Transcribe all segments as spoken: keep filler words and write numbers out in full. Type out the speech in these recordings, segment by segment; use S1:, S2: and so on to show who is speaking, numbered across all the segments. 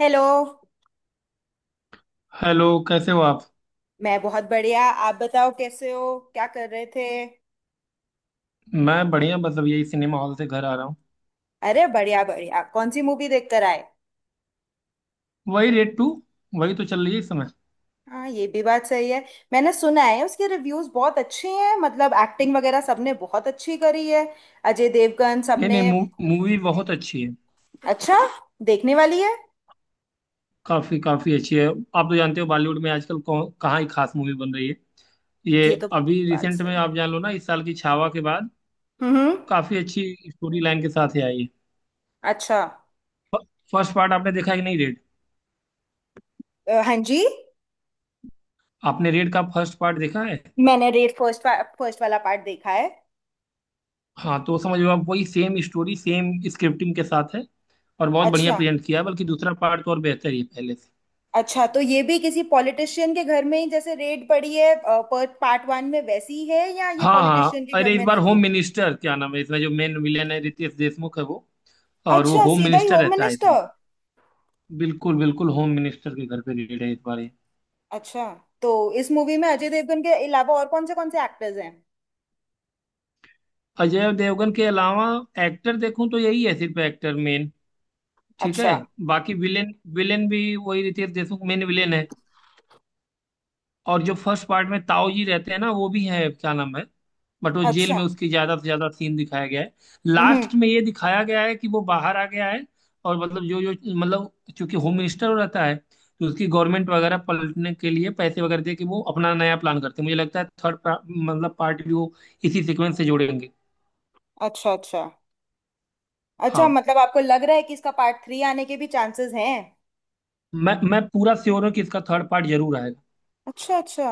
S1: Hello.
S2: Hello, कैसे हो आप?
S1: मैं बहुत बढ़िया। आप बताओ कैसे हो, क्या कर रहे थे?
S2: मैं बढ़िया, बस अब यही सिनेमा हॉल से घर आ रहा हूँ।
S1: अरे बढ़िया बढ़िया, कौन सी मूवी देख कर आए?
S2: वही रेड टू। वही तो चल रही है इस समय।
S1: हाँ, ये भी बात सही है। मैंने सुना है उसके रिव्यूज बहुत अच्छे हैं, मतलब एक्टिंग वगैरह सबने बहुत अच्छी करी है, अजय देवगन
S2: नहीं
S1: सबने।
S2: नहीं, मू, मूवी बहुत अच्छी है।
S1: अच्छा, देखने वाली है।
S2: काफी काफी अच्छी है। आप तो जानते हो, बॉलीवुड में आजकल कौन- कहाँ ही खास मूवी बन रही है। ये
S1: ये तो
S2: अभी
S1: बात
S2: रिसेंट में
S1: सही है।
S2: आप जान लो ना, इस साल की छावा के बाद
S1: हम्म हम्म।
S2: काफी अच्छी स्टोरी लाइन के साथ ही आई है।
S1: अच्छा।
S2: फ- फर्स्ट पार्ट आपने देखा है कि नहीं रेड?
S1: अ, हाँ जी।
S2: आपने रेड का फर्स्ट पार्ट देखा है?
S1: मैंने रेड फर्स्ट फर्स्ट वाला पार्ट देखा है।
S2: हाँ तो समझ लो आप, वही सेम स्टोरी सेम स्क्रिप्टिंग के साथ है। और बहुत बढ़िया
S1: अच्छा,
S2: प्रेजेंट किया है, बल्कि दूसरा पार्ट तो और बेहतर ही है पहले से।
S1: अच्छा तो ये भी किसी पॉलिटिशियन के घर में ही जैसे रेड पड़ी है पर्थ पार्ट वन में वैसी ही है, या ये
S2: हाँ
S1: पॉलिटिशियन
S2: हाँ,
S1: के घर
S2: अरे इस
S1: में
S2: बार
S1: नहीं
S2: होम
S1: थी?
S2: मिनिस्टर, क्या नाम है, इसमें जो मेन विलेन है रितेश देशमुख है वो। और वो
S1: अच्छा,
S2: होम
S1: सीधा ही
S2: मिनिस्टर
S1: होम
S2: रहता है इसमें।
S1: मिनिस्टर।
S2: बिल्कुल बिल्कुल, होम मिनिस्टर के घर पे रिलेटेड है इस बार ये।
S1: अच्छा, तो इस मूवी में अजय देवगन के अलावा और कौन से कौन से एक्टर्स हैं?
S2: अजय देवगन के अलावा एक्टर देखूं तो यही है, सिर्फ एक्टर मेन। ठीक है।
S1: अच्छा
S2: बाकी विलेन, विलेन भी वही रितेश देशमुख मेन विलेन है। और जो फर्स्ट पार्ट में ताऊ जी रहते हैं ना वो भी है, क्या नाम है। बट वो जेल
S1: अच्छा।
S2: में उसकी ज्यादा से ज्यादा सीन दिखाया गया है।
S1: हम्म।
S2: लास्ट में ये दिखाया गया है कि वो बाहर आ गया है। और मतलब जो जो, मतलब चूंकि होम मिनिस्टर रहता है, तो उसकी गवर्नमेंट वगैरह पलटने के लिए पैसे वगैरह दे के वो अपना नया प्लान करते हैं। मुझे लगता है थर्ड, मतलब पार्ट भी वो इसी सीक्वेंस से जोड़ेंगे।
S1: अच्छा अच्छा। अच्छा
S2: हाँ,
S1: मतलब आपको लग रहा है कि इसका पार्ट थ्री आने के भी चांसेस हैं?
S2: मैं मैं पूरा श्योर हूँ कि इसका थर्ड पार्ट जरूर आएगा।
S1: अच्छा अच्छा।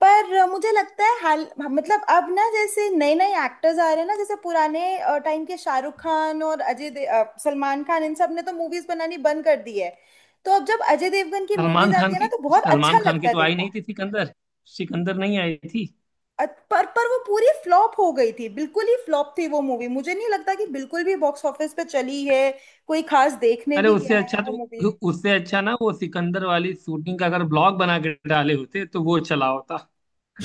S1: पर अ, मुझे लगता है हाल, मतलब अब ना जैसे नए नए एक्टर्स आ रहे हैं ना, जैसे पुराने टाइम के शाहरुख खान और अजय दे, अ, सलमान खान, इन सब ने तो मूवीज बनानी बंद कर दी है। तो अब जब अजय देवगन की मूवीज
S2: सलमान
S1: आती
S2: खान
S1: है ना,
S2: की
S1: तो बहुत अच्छा
S2: सलमान खान
S1: लगता
S2: की
S1: है
S2: तो आई
S1: देखना।
S2: नहीं थी सिकंदर। सिकंदर नहीं आई थी।
S1: अ- पर पर वो पूरी फ्लॉप हो गई थी, बिल्कुल ही फ्लॉप थी वो मूवी। मुझे नहीं लगता कि बिल्कुल भी बॉक्स ऑफिस पे चली है। कोई खास देखने
S2: अरे,
S1: भी गया
S2: उससे
S1: है
S2: अच्छा
S1: वो मूवी?
S2: तो उससे अच्छा ना, वो सिकंदर वाली शूटिंग का अगर ब्लॉग बना के डाले होते तो वो चला होता।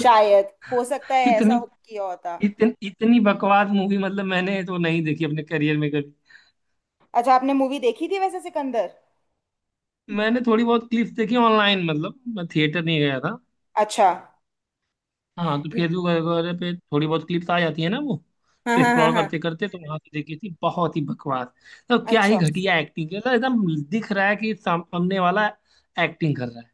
S1: शायद, हो सकता है ऐसा
S2: इतनी
S1: हो किया होता।
S2: इतन, इतनी बकवास मूवी, मतलब मैंने तो नहीं देखी अपने करियर में कभी।
S1: अच्छा, आपने मूवी देखी थी वैसे सिकंदर?
S2: मैंने थोड़ी बहुत क्लिप्स देखी ऑनलाइन, मतलब मैं थिएटर नहीं गया था।
S1: अच्छा।
S2: हाँ, तो फेसबुक वगैरह पे थोड़ी बहुत क्लिप्स आ जाती है ना वो,
S1: हाँ हाँ हाँ
S2: स्क्रॉल
S1: हाँ।
S2: करते करते तो वहां से देखी थी। बहुत ही बकवास, तो क्या ही
S1: अच्छा,
S2: घटिया एक्टिंग है, मतलब एकदम दिख रहा है कि सामने वाला एक्टिंग कर रहा है।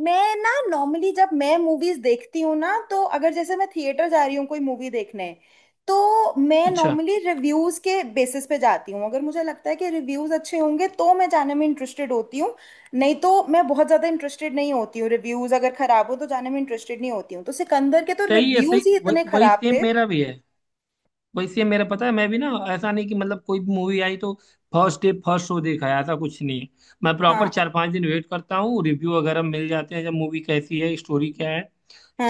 S1: मैं ना नॉर्मली जब मैं मूवीज देखती हूँ ना, तो अगर जैसे मैं थिएटर जा रही हूँ कोई मूवी देखने, तो मैं
S2: अच्छा,
S1: नॉर्मली रिव्यूज के बेसिस पे जाती हूँ। अगर मुझे लगता है कि रिव्यूज अच्छे होंगे तो मैं जाने में इंटरेस्टेड होती हूँ। नहीं तो मैं बहुत ज्यादा इंटरेस्टेड नहीं होती हूँ। रिव्यूज अगर खराब हो तो जाने में इंटरेस्टेड नहीं होती हूँ, तो सिकंदर के तो
S2: सही है
S1: रिव्यूज
S2: सही,
S1: ही
S2: वही
S1: इतने
S2: वही
S1: खराब
S2: सेम
S1: थे।
S2: मेरा भी है। वैसे मेरा पता है, मैं भी ना, ऐसा नहीं कि मतलब कोई भी मूवी आई तो फर्स्ट डे फर्स्ट शो देखा है, ऐसा कुछ नहीं है। मैं प्रॉपर चार
S1: हाँ
S2: पांच दिन वेट करता हूँ, रिव्यू वगैरह मिल जाते हैं जब, मूवी कैसी है, स्टोरी क्या है,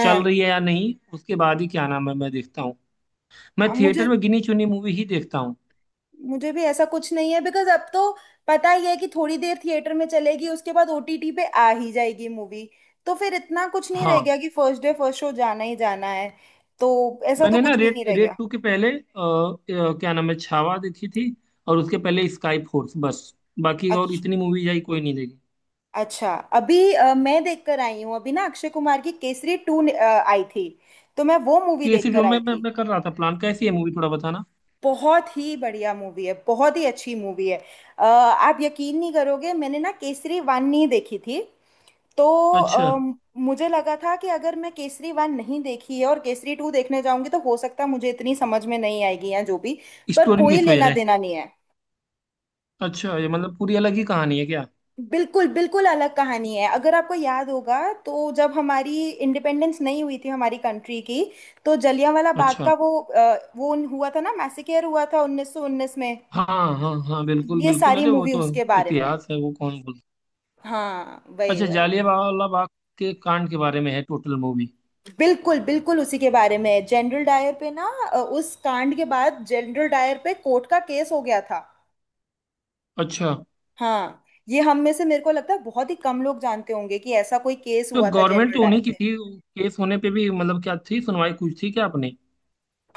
S2: चल रही है या नहीं, उसके बाद ही, क्या नाम है, मैं देखता हूँ। मैं
S1: अब
S2: थिएटर
S1: मुझे,
S2: में गिनी चुनी मूवी ही देखता हूँ।
S1: मुझे भी ऐसा कुछ नहीं है, बिकॉज अब तो पता ही है कि थोड़ी देर थिएटर में चलेगी, उसके बाद ओटीटी पे आ ही जाएगी मूवी। तो फिर इतना कुछ नहीं रह
S2: हाँ,
S1: गया कि फर्स्ट डे फर्स्ट शो जाना ही जाना है। तो ऐसा तो
S2: मैंने ना
S1: कुछ भी
S2: रेड,
S1: नहीं रह
S2: रेड
S1: गया।
S2: टू के पहले अ, अ, क्या नाम है छावा देखी थी। और उसके पहले स्काई फोर्स, बस। बाकी और
S1: अच्छा
S2: इतनी मूवीज आई, कोई नहीं देखी।
S1: अच्छा। अभी अ, मैं देखकर आई हूँ। अभी ना अक्षय कुमार की केसरी टू आई थी, तो मैं वो मूवी
S2: कैसी जो
S1: देखकर आई
S2: मैं मैं
S1: थी।
S2: मैं कर रहा था प्लान, कैसी है मूवी थोड़ा बताना।
S1: बहुत ही बढ़िया मूवी है, बहुत ही अच्छी मूवी है। अ, आप यकीन नहीं करोगे, मैंने ना केसरी वन नहीं देखी थी। तो
S2: अच्छा,
S1: अम, मुझे लगा था कि अगर मैं केसरी वन नहीं देखी है और केसरी टू देखने जाऊंगी तो हो सकता है मुझे इतनी समझ में नहीं आएगी, या जो भी। पर
S2: स्टोरी
S1: कोई
S2: मिस हो
S1: लेना
S2: जाए।
S1: देना नहीं है।
S2: अच्छा, ये मतलब पूरी अलग ही कहानी है क्या?
S1: बिल्कुल बिल्कुल अलग कहानी है। अगर आपको याद होगा, तो जब हमारी इंडिपेंडेंस नहीं हुई थी हमारी कंट्री की, तो जलियांवाला बाग
S2: अच्छा।
S1: का वो अ, वो हुआ था ना, मैसेकेयर हुआ था उन्नीस सौ उन्नीस में।
S2: हाँ हाँ हाँ, बिल्कुल
S1: ये
S2: बिल्कुल,
S1: सारी
S2: अरे वो
S1: मूवी
S2: तो
S1: उसके बारे में है।
S2: इतिहास है वो, कौन बोल।
S1: हाँ वही
S2: अच्छा,
S1: वही।
S2: जालियांवाला बाग के कांड के बारे में है टोटल मूवी।
S1: बिल्कुल बिल्कुल उसी के बारे में। जनरल डायर पे ना, अ, उस कांड के बाद जनरल डायर पे कोर्ट का केस हो गया था।
S2: अच्छा,
S1: हाँ। ये हम में से, मेरे को लगता है बहुत ही कम लोग जानते होंगे कि ऐसा कोई केस
S2: तो
S1: हुआ था
S2: गवर्नमेंट
S1: जनरल
S2: तो
S1: डायर
S2: उन्हीं की
S1: पे।
S2: थी, केस होने पे भी मतलब क्या थी सुनवाई, कुछ थी क्या अपनी।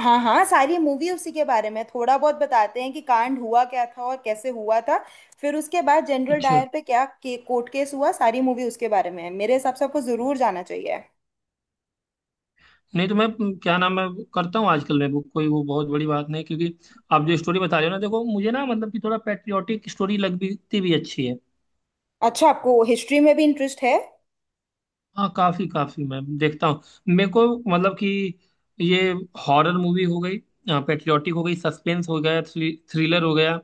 S1: हाँ हाँ, सारी मूवी उसी के बारे में। थोड़ा बहुत बताते हैं कि कांड हुआ क्या था और कैसे हुआ था, फिर उसके बाद जनरल
S2: अच्छा,
S1: डायर पे क्या के, कोर्ट केस हुआ। सारी मूवी उसके बारे में है। मेरे हिसाब से आपको जरूर जाना चाहिए।
S2: नहीं तो मैं म, क्या नाम है करता हूँ आजकल, मैं वो कोई, वो बहुत बड़ी बात नहीं क्योंकि आप जो स्टोरी बता रहे हो ना, देखो मुझे ना, मतलब कि थोड़ा पैट्रियोटिक स्टोरी लगती भी अच्छी है।
S1: अच्छा, आपको हिस्ट्री में भी इंटरेस्ट है?
S2: हाँ, काफी काफी मैं देखता हूँ। मेरे को मतलब कि ये, हॉरर मूवी हो गई, पेट्रियोटिक हो गई, सस्पेंस हो गया, थ्रिलर हो गया,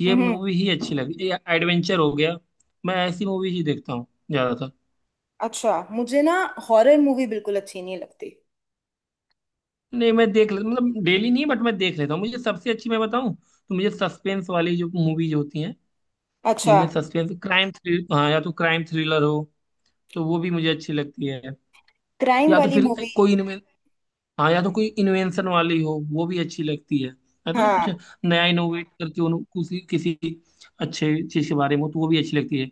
S2: ये
S1: हम्म।
S2: मूवी ही अच्छी लगी, एडवेंचर हो गया, मैं ऐसी मूवी ही देखता हूँ ज्यादातर।
S1: अच्छा, मुझे ना हॉरर मूवी बिल्कुल अच्छी नहीं लगती।
S2: नहीं, मैं देख ले, मतलब डेली नहीं, बट मैं देख लेता हूँ। मुझे सबसे अच्छी मैं बताऊँ तो, मुझे सस्पेंस वाली जो मूवीज होती हैं,
S1: अच्छा,
S2: जिनमें सस्पेंस क्राइम थ्रिल, हाँ या तो क्राइम थ्रिलर हो, तो वो भी मुझे अच्छी लगती है।
S1: क्राइम
S2: या तो
S1: वाली
S2: फिर
S1: मूवी।
S2: कोई, हाँ या तो कोई इन्वेंशन वाली हो, वो भी अच्छी लगती है। ऐसा ना
S1: हाँ,
S2: कुछ नया इनोवेट करके उन्हों किसी किसी अच्छे चीज के बारे में, तो वो भी अच्छी लगती है।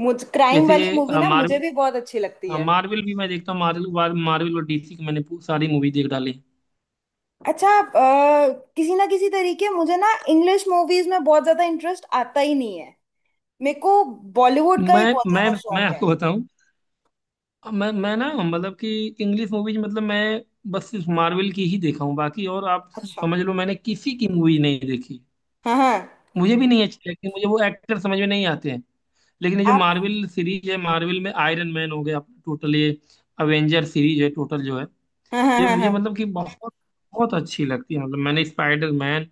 S1: मुझ क्राइम
S2: जैसे
S1: वाली मूवी
S2: ये
S1: ना मुझे
S2: मार्वल,
S1: भी बहुत अच्छी लगती है।
S2: मार्वल भी मैं देखता हूँ। मार्वल मार्वल और डीसी की मैंने पू- सारी मूवी देख डाली है।
S1: अच्छा, अ, किसी ना किसी तरीके मुझे ना इंग्लिश मूवीज में बहुत ज्यादा इंटरेस्ट आता ही नहीं है मेरे को। बॉलीवुड का ही
S2: मैं
S1: बहुत
S2: मैं
S1: ज्यादा
S2: मैं
S1: शौक है।
S2: आपको बताऊं, मैं मैं ना मतलब कि इंग्लिश मूवीज, मतलब मैं बस सिर्फ मार्वल की ही देखा हूँ। बाकी और आप
S1: अच्छा।
S2: समझ लो मैंने किसी की मूवी नहीं देखी।
S1: हाँ हाँ।
S2: मुझे भी नहीं अच्छी लगती, मुझे वो एक्टर समझ में नहीं आते हैं। लेकिन ये जो
S1: आप।
S2: मार्वल सीरीज है, मार्वल में आयरन मैन हो गया अपना टोटल, ये अवेंजर सीरीज है टोटल जो है,
S1: हाँ हाँ
S2: ये
S1: हाँ
S2: मुझे
S1: हाँ।
S2: मतलब कि बहुत बहुत अच्छी लगती है। मतलब मैंने स्पाइडर मैन,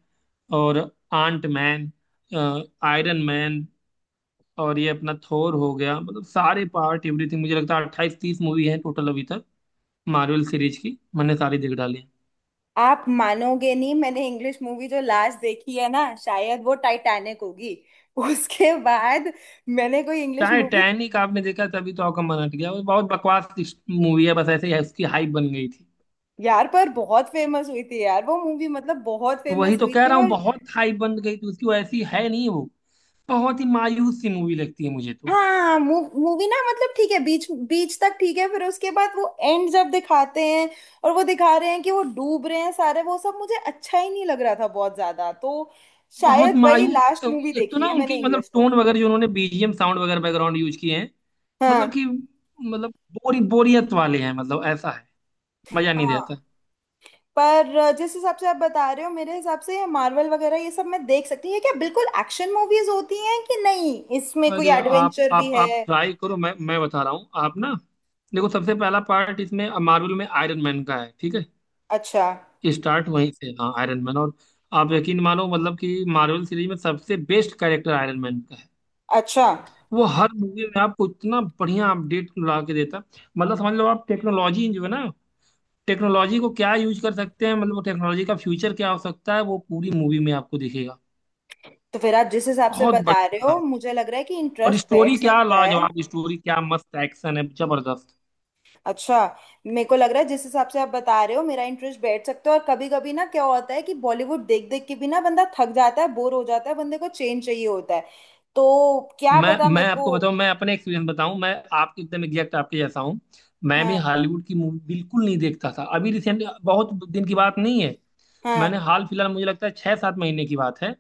S2: और आंट मैन, आयरन मैन, और ये अपना थोर हो गया, मतलब सारे पार्ट एवरीथिंग, मुझे लगता है अट्ठाईस तीस मूवी है टोटल अभी तक। मार्वल सीरीज की मैंने सारी देख डाली है।
S1: आप मानोगे नहीं, मैंने इंग्लिश मूवी जो लास्ट देखी है ना, शायद वो टाइटैनिक होगी। उसके बाद मैंने कोई इंग्लिश मूवी।
S2: टाइटैनिक आपने देखा, तभी तो आपका मन हट गया। वो बहुत बकवास मूवी है, बस ऐसे ही उसकी हाइप बन गई थी।
S1: यार, पर बहुत फेमस हुई थी यार वो मूवी, मतलब बहुत
S2: तो वही
S1: फेमस
S2: तो
S1: हुई
S2: कह
S1: थी।
S2: रहा हूँ, बहुत हाई बन गई तो उसकी, वो ऐसी है नहीं वो। बहुत ही मायूस सी मूवी लगती है मुझे तो।
S1: हाँ, मूवी ना, मतलब ठीक है बीच बीच तक ठीक है, फिर उसके बाद वो एंड जब दिखाते हैं और वो दिखा रहे हैं कि वो डूब रहे हैं सारे, वो सब मुझे अच्छा ही नहीं लग रहा था बहुत ज्यादा। तो
S2: बहुत
S1: शायद वही
S2: मायूस,
S1: लास्ट मूवी
S2: एक तो
S1: देखी
S2: ना
S1: है
S2: उनकी
S1: मैंने
S2: मतलब
S1: इंग्लिश तो।
S2: टोन वगैरह जो उन्होंने बीजीएम साउंड वगैरह बैकग्राउंड यूज किए हैं,
S1: हाँ।
S2: मतलब कि मतलब बोरी बोरियत वाले हैं, मतलब ऐसा है, मजा नहीं
S1: हाँ।
S2: देता।
S1: पर जिस हिसाब से आप बता रहे हो, मेरे हिसाब से ये मार्वल वगैरह ये सब मैं देख सकती हूँ। ये क्या बिल्कुल एक्शन मूवीज होती हैं कि नहीं? इसमें कोई
S2: अरे आप
S1: एडवेंचर भी
S2: आप आप
S1: है?
S2: ट्राई करो, मैं मैं बता रहा हूँ, आप ना देखो सबसे पहला पार्ट इसमें मार्वल में आयरन मैन का है। ठीक
S1: अच्छा।
S2: है, स्टार्ट वहीं से, हाँ आयरन मैन। और आप यकीन मानो, मतलब कि मार्वल सीरीज में सबसे बेस्ट कैरेक्टर आयरन मैन का है।
S1: अच्छा,
S2: वो हर मूवी में आपको इतना बढ़िया अपडेट ला के देता, मतलब समझ लो आप टेक्नोलॉजी जो है ना, टेक्नोलॉजी को क्या यूज कर सकते हैं, मतलब टेक्नोलॉजी का फ्यूचर क्या हो सकता है वो पूरी मूवी में आपको दिखेगा।
S1: तो फिर आप जिस हिसाब से
S2: बहुत
S1: बता रहे
S2: बढ़िया
S1: हो,
S2: काम किया।
S1: मुझे लग रहा है कि
S2: और
S1: इंटरेस्ट
S2: स्टोरी
S1: बैठ
S2: क्या
S1: सकता है।
S2: लाजवाब, स्टोरी क्या मस्त, एक्शन है जबरदस्त।
S1: अच्छा, मेरे को लग रहा है जिस हिसाब से आप बता रहे हो मेरा इंटरेस्ट बैठ सकता है। और कभी कभी ना क्या होता है कि बॉलीवुड देख देख के भी ना बंदा थक जाता है, बोर हो जाता है, बंदे को चेंज चाहिए होता है। तो क्या
S2: मैं
S1: पता
S2: मैं
S1: मेरे को।
S2: आपको बताऊं, मैं अपने एक्सपीरियंस बताऊं, मैं आपके एकदम एग्जैक्ट आपके जैसा हूं। मैं भी
S1: हाँ।
S2: हॉलीवुड की मूवी बिल्कुल नहीं देखता था अभी रिसेंटली, बहुत दिन की बात नहीं है,
S1: हाँ।
S2: मैंने हाल फिलहाल, मुझे लगता है छह सात महीने की बात है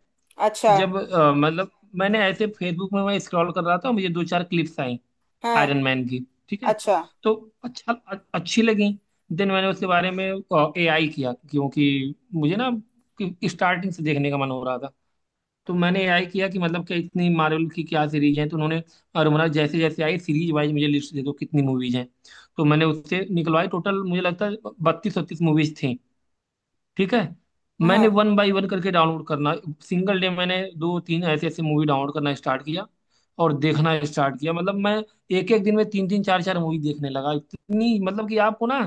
S1: अच्छा।
S2: जब अ, मतलब मैंने ऐसे फेसबुक में मैं स्क्रॉल कर रहा था, मुझे दो चार क्लिप्स आई
S1: हाँ।
S2: आयरन मैन की। ठीक है,
S1: अच्छा।
S2: तो अच्छा, अ- अच्छी लगी। देन मैंने उसके बारे में एआई किया, क्योंकि मुझे ना स्टार्टिंग से देखने का मन हो रहा था। तो मैंने एआई किया कि मतलब क्या इतनी मार्वल की क्या सीरीज है, तो उन्होंने, और उन्होंने जैसे जैसे आई, सीरीज वाइज मुझे लिस्ट दे दो कितनी मूवीज हैं। तो मैंने उससे निकलवाई टोटल, मुझे लगता है बत्तीस छत्तीस मूवीज थी, ठीक है।
S1: हाँ,
S2: मैंने वन बाय वन करके डाउनलोड करना, सिंगल डे मैंने दो तीन ऐसे ऐसे मूवी डाउनलोड करना स्टार्ट किया, और देखना स्टार्ट किया। मतलब मैं एक एक दिन में तीन तीन चार चार मूवी देखने लगा, इतनी, मतलब कि आपको ना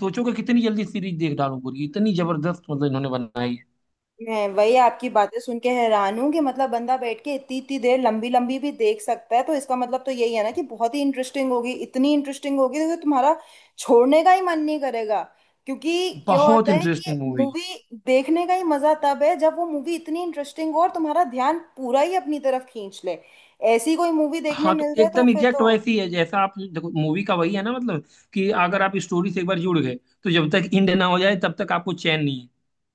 S2: सोचो कि कितनी जल्दी सीरीज देख डालूं पूरी, इतनी जबरदस्त मतलब इन्होंने बनाई
S1: मैं वही आपकी बातें सुन के हैरान हूँ कि मतलब बंदा बैठ के इतनी इतनी देर लंबी लंबी भी देख सकता है, तो इसका मतलब तो यही है ना कि बहुत ही इंटरेस्टिंग होगी, इतनी इंटरेस्टिंग होगी कि तुम्हारा छोड़ने का ही मन नहीं करेगा। क्योंकि
S2: है।
S1: क्या
S2: बहुत
S1: होता है कि
S2: इंटरेस्टिंग मूवी है।
S1: मूवी देखने का ही मजा तब है जब वो मूवी इतनी इंटरेस्टिंग हो और तुम्हारा ध्यान पूरा ही अपनी तरफ खींच ले। ऐसी कोई मूवी देखने
S2: हाँ, तो
S1: मिल जाए तो
S2: एकदम
S1: फिर
S2: एग्जैक्ट
S1: तो।
S2: वैसी है जैसा आप देखो, मूवी का वही है ना, मतलब कि अगर आप स्टोरी से एक बार जुड़ गए, तो जब तक एंड ना हो जाए तब तक आपको चैन नहीं है।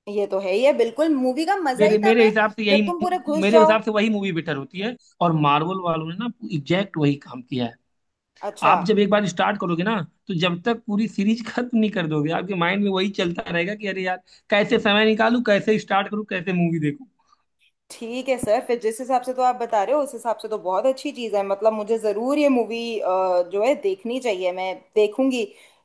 S1: ये तो है ही है, बिल्कुल मूवी का मजा ही
S2: मेरे
S1: तब
S2: मेरे
S1: है
S2: हिसाब से
S1: जब तुम
S2: यही,
S1: पूरे घुस
S2: मेरे
S1: जाओ।
S2: हिसाब से वही मूवी बेटर होती है। और मार्वल वालों ने ना एग्जैक्ट वही काम किया है।
S1: अच्छा।
S2: आप जब एक बार स्टार्ट करोगे ना, तो जब तक पूरी सीरीज खत्म नहीं कर दोगे आपके माइंड में वही चलता रहेगा कि अरे यार, कैसे समय निकालूं, कैसे स्टार्ट करूं, कैसे मूवी देखूं।
S1: ठीक है सर, फिर जिस हिसाब से तो आप बता रहे हो उस हिसाब से तो बहुत अच्छी चीज़ है। मतलब मुझे ज़रूर ये मूवी जो है देखनी चाहिए, मैं देखूंगी।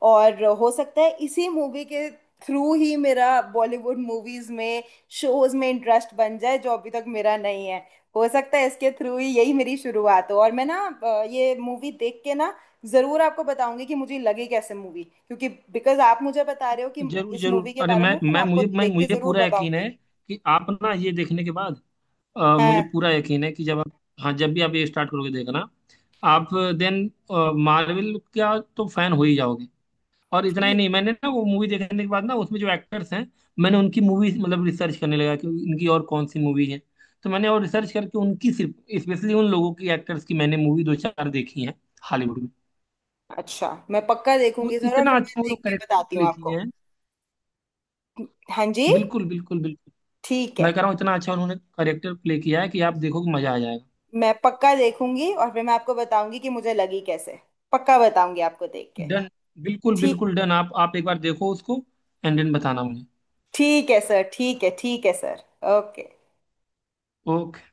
S1: और हो सकता है इसी मूवी के थ्रू ही मेरा बॉलीवुड मूवीज में, शोज में इंटरेस्ट बन जाए जो अभी तक मेरा नहीं है। हो सकता है इसके थ्रू ही यही मेरी शुरुआत हो। और मैं ना अ, ये मूवी देख के ना ज़रूर आपको बताऊंगी कि मुझे लगी कैसे मूवी। क्योंकि बिकॉज आप मुझे बता रहे हो कि
S2: जरूर
S1: इस
S2: जरूर,
S1: मूवी के
S2: अरे
S1: बारे
S2: मैं
S1: में, तो मैं
S2: मैं
S1: आपको
S2: मुझे मैं
S1: देख के
S2: मुझे
S1: ज़रूर
S2: पूरा यकीन
S1: बताऊंगी।
S2: है कि आप ना ये देखने के बाद, अ, मुझे
S1: हाँ।
S2: पूरा यकीन है कि जब आप, हाँ जब भी आप ये स्टार्ट करोगे देखना, आप देन मार्वल का तो फैन हो ही जाओगे। और इतना ही
S1: ठीक।
S2: नहीं, मैंने ना वो मूवी देखने के बाद ना उसमें जो एक्टर्स हैं, मैंने उनकी मूवी मतलब रिसर्च करने लगा कि इनकी और कौन सी मूवी है, तो मैंने और रिसर्च करके उनकी सिर्फ स्पेशली उन लोगों की, एक्टर्स की मैंने मूवी दो चार देखी है हॉलीवुड में।
S1: अच्छा, मैं पक्का
S2: वो
S1: देखूंगी सर, और
S2: इतना
S1: फिर मैं
S2: अच्छा वो
S1: देख
S2: लोग
S1: के
S2: करेक्टर
S1: बताती हूँ
S2: प्ले किए
S1: आपको।
S2: हैं,
S1: हाँ जी।
S2: बिल्कुल बिल्कुल बिल्कुल,
S1: ठीक है।
S2: मैं कह रहा हूँ इतना अच्छा उन्होंने करेक्टर प्ले किया है कि आप देखोगे मजा आ जाएगा।
S1: मैं पक्का देखूंगी और फिर मैं आपको बताऊंगी कि मुझे लगी कैसे। पक्का बताऊंगी आपको देख के।
S2: डन, बिल्कुल
S1: ठीक।
S2: बिल्कुल डन, आप आप एक बार देखो उसको। एंड देन बताना मुझे।
S1: ठीक है सर, ठीक है, ठीक है सर। ओके।
S2: ओके।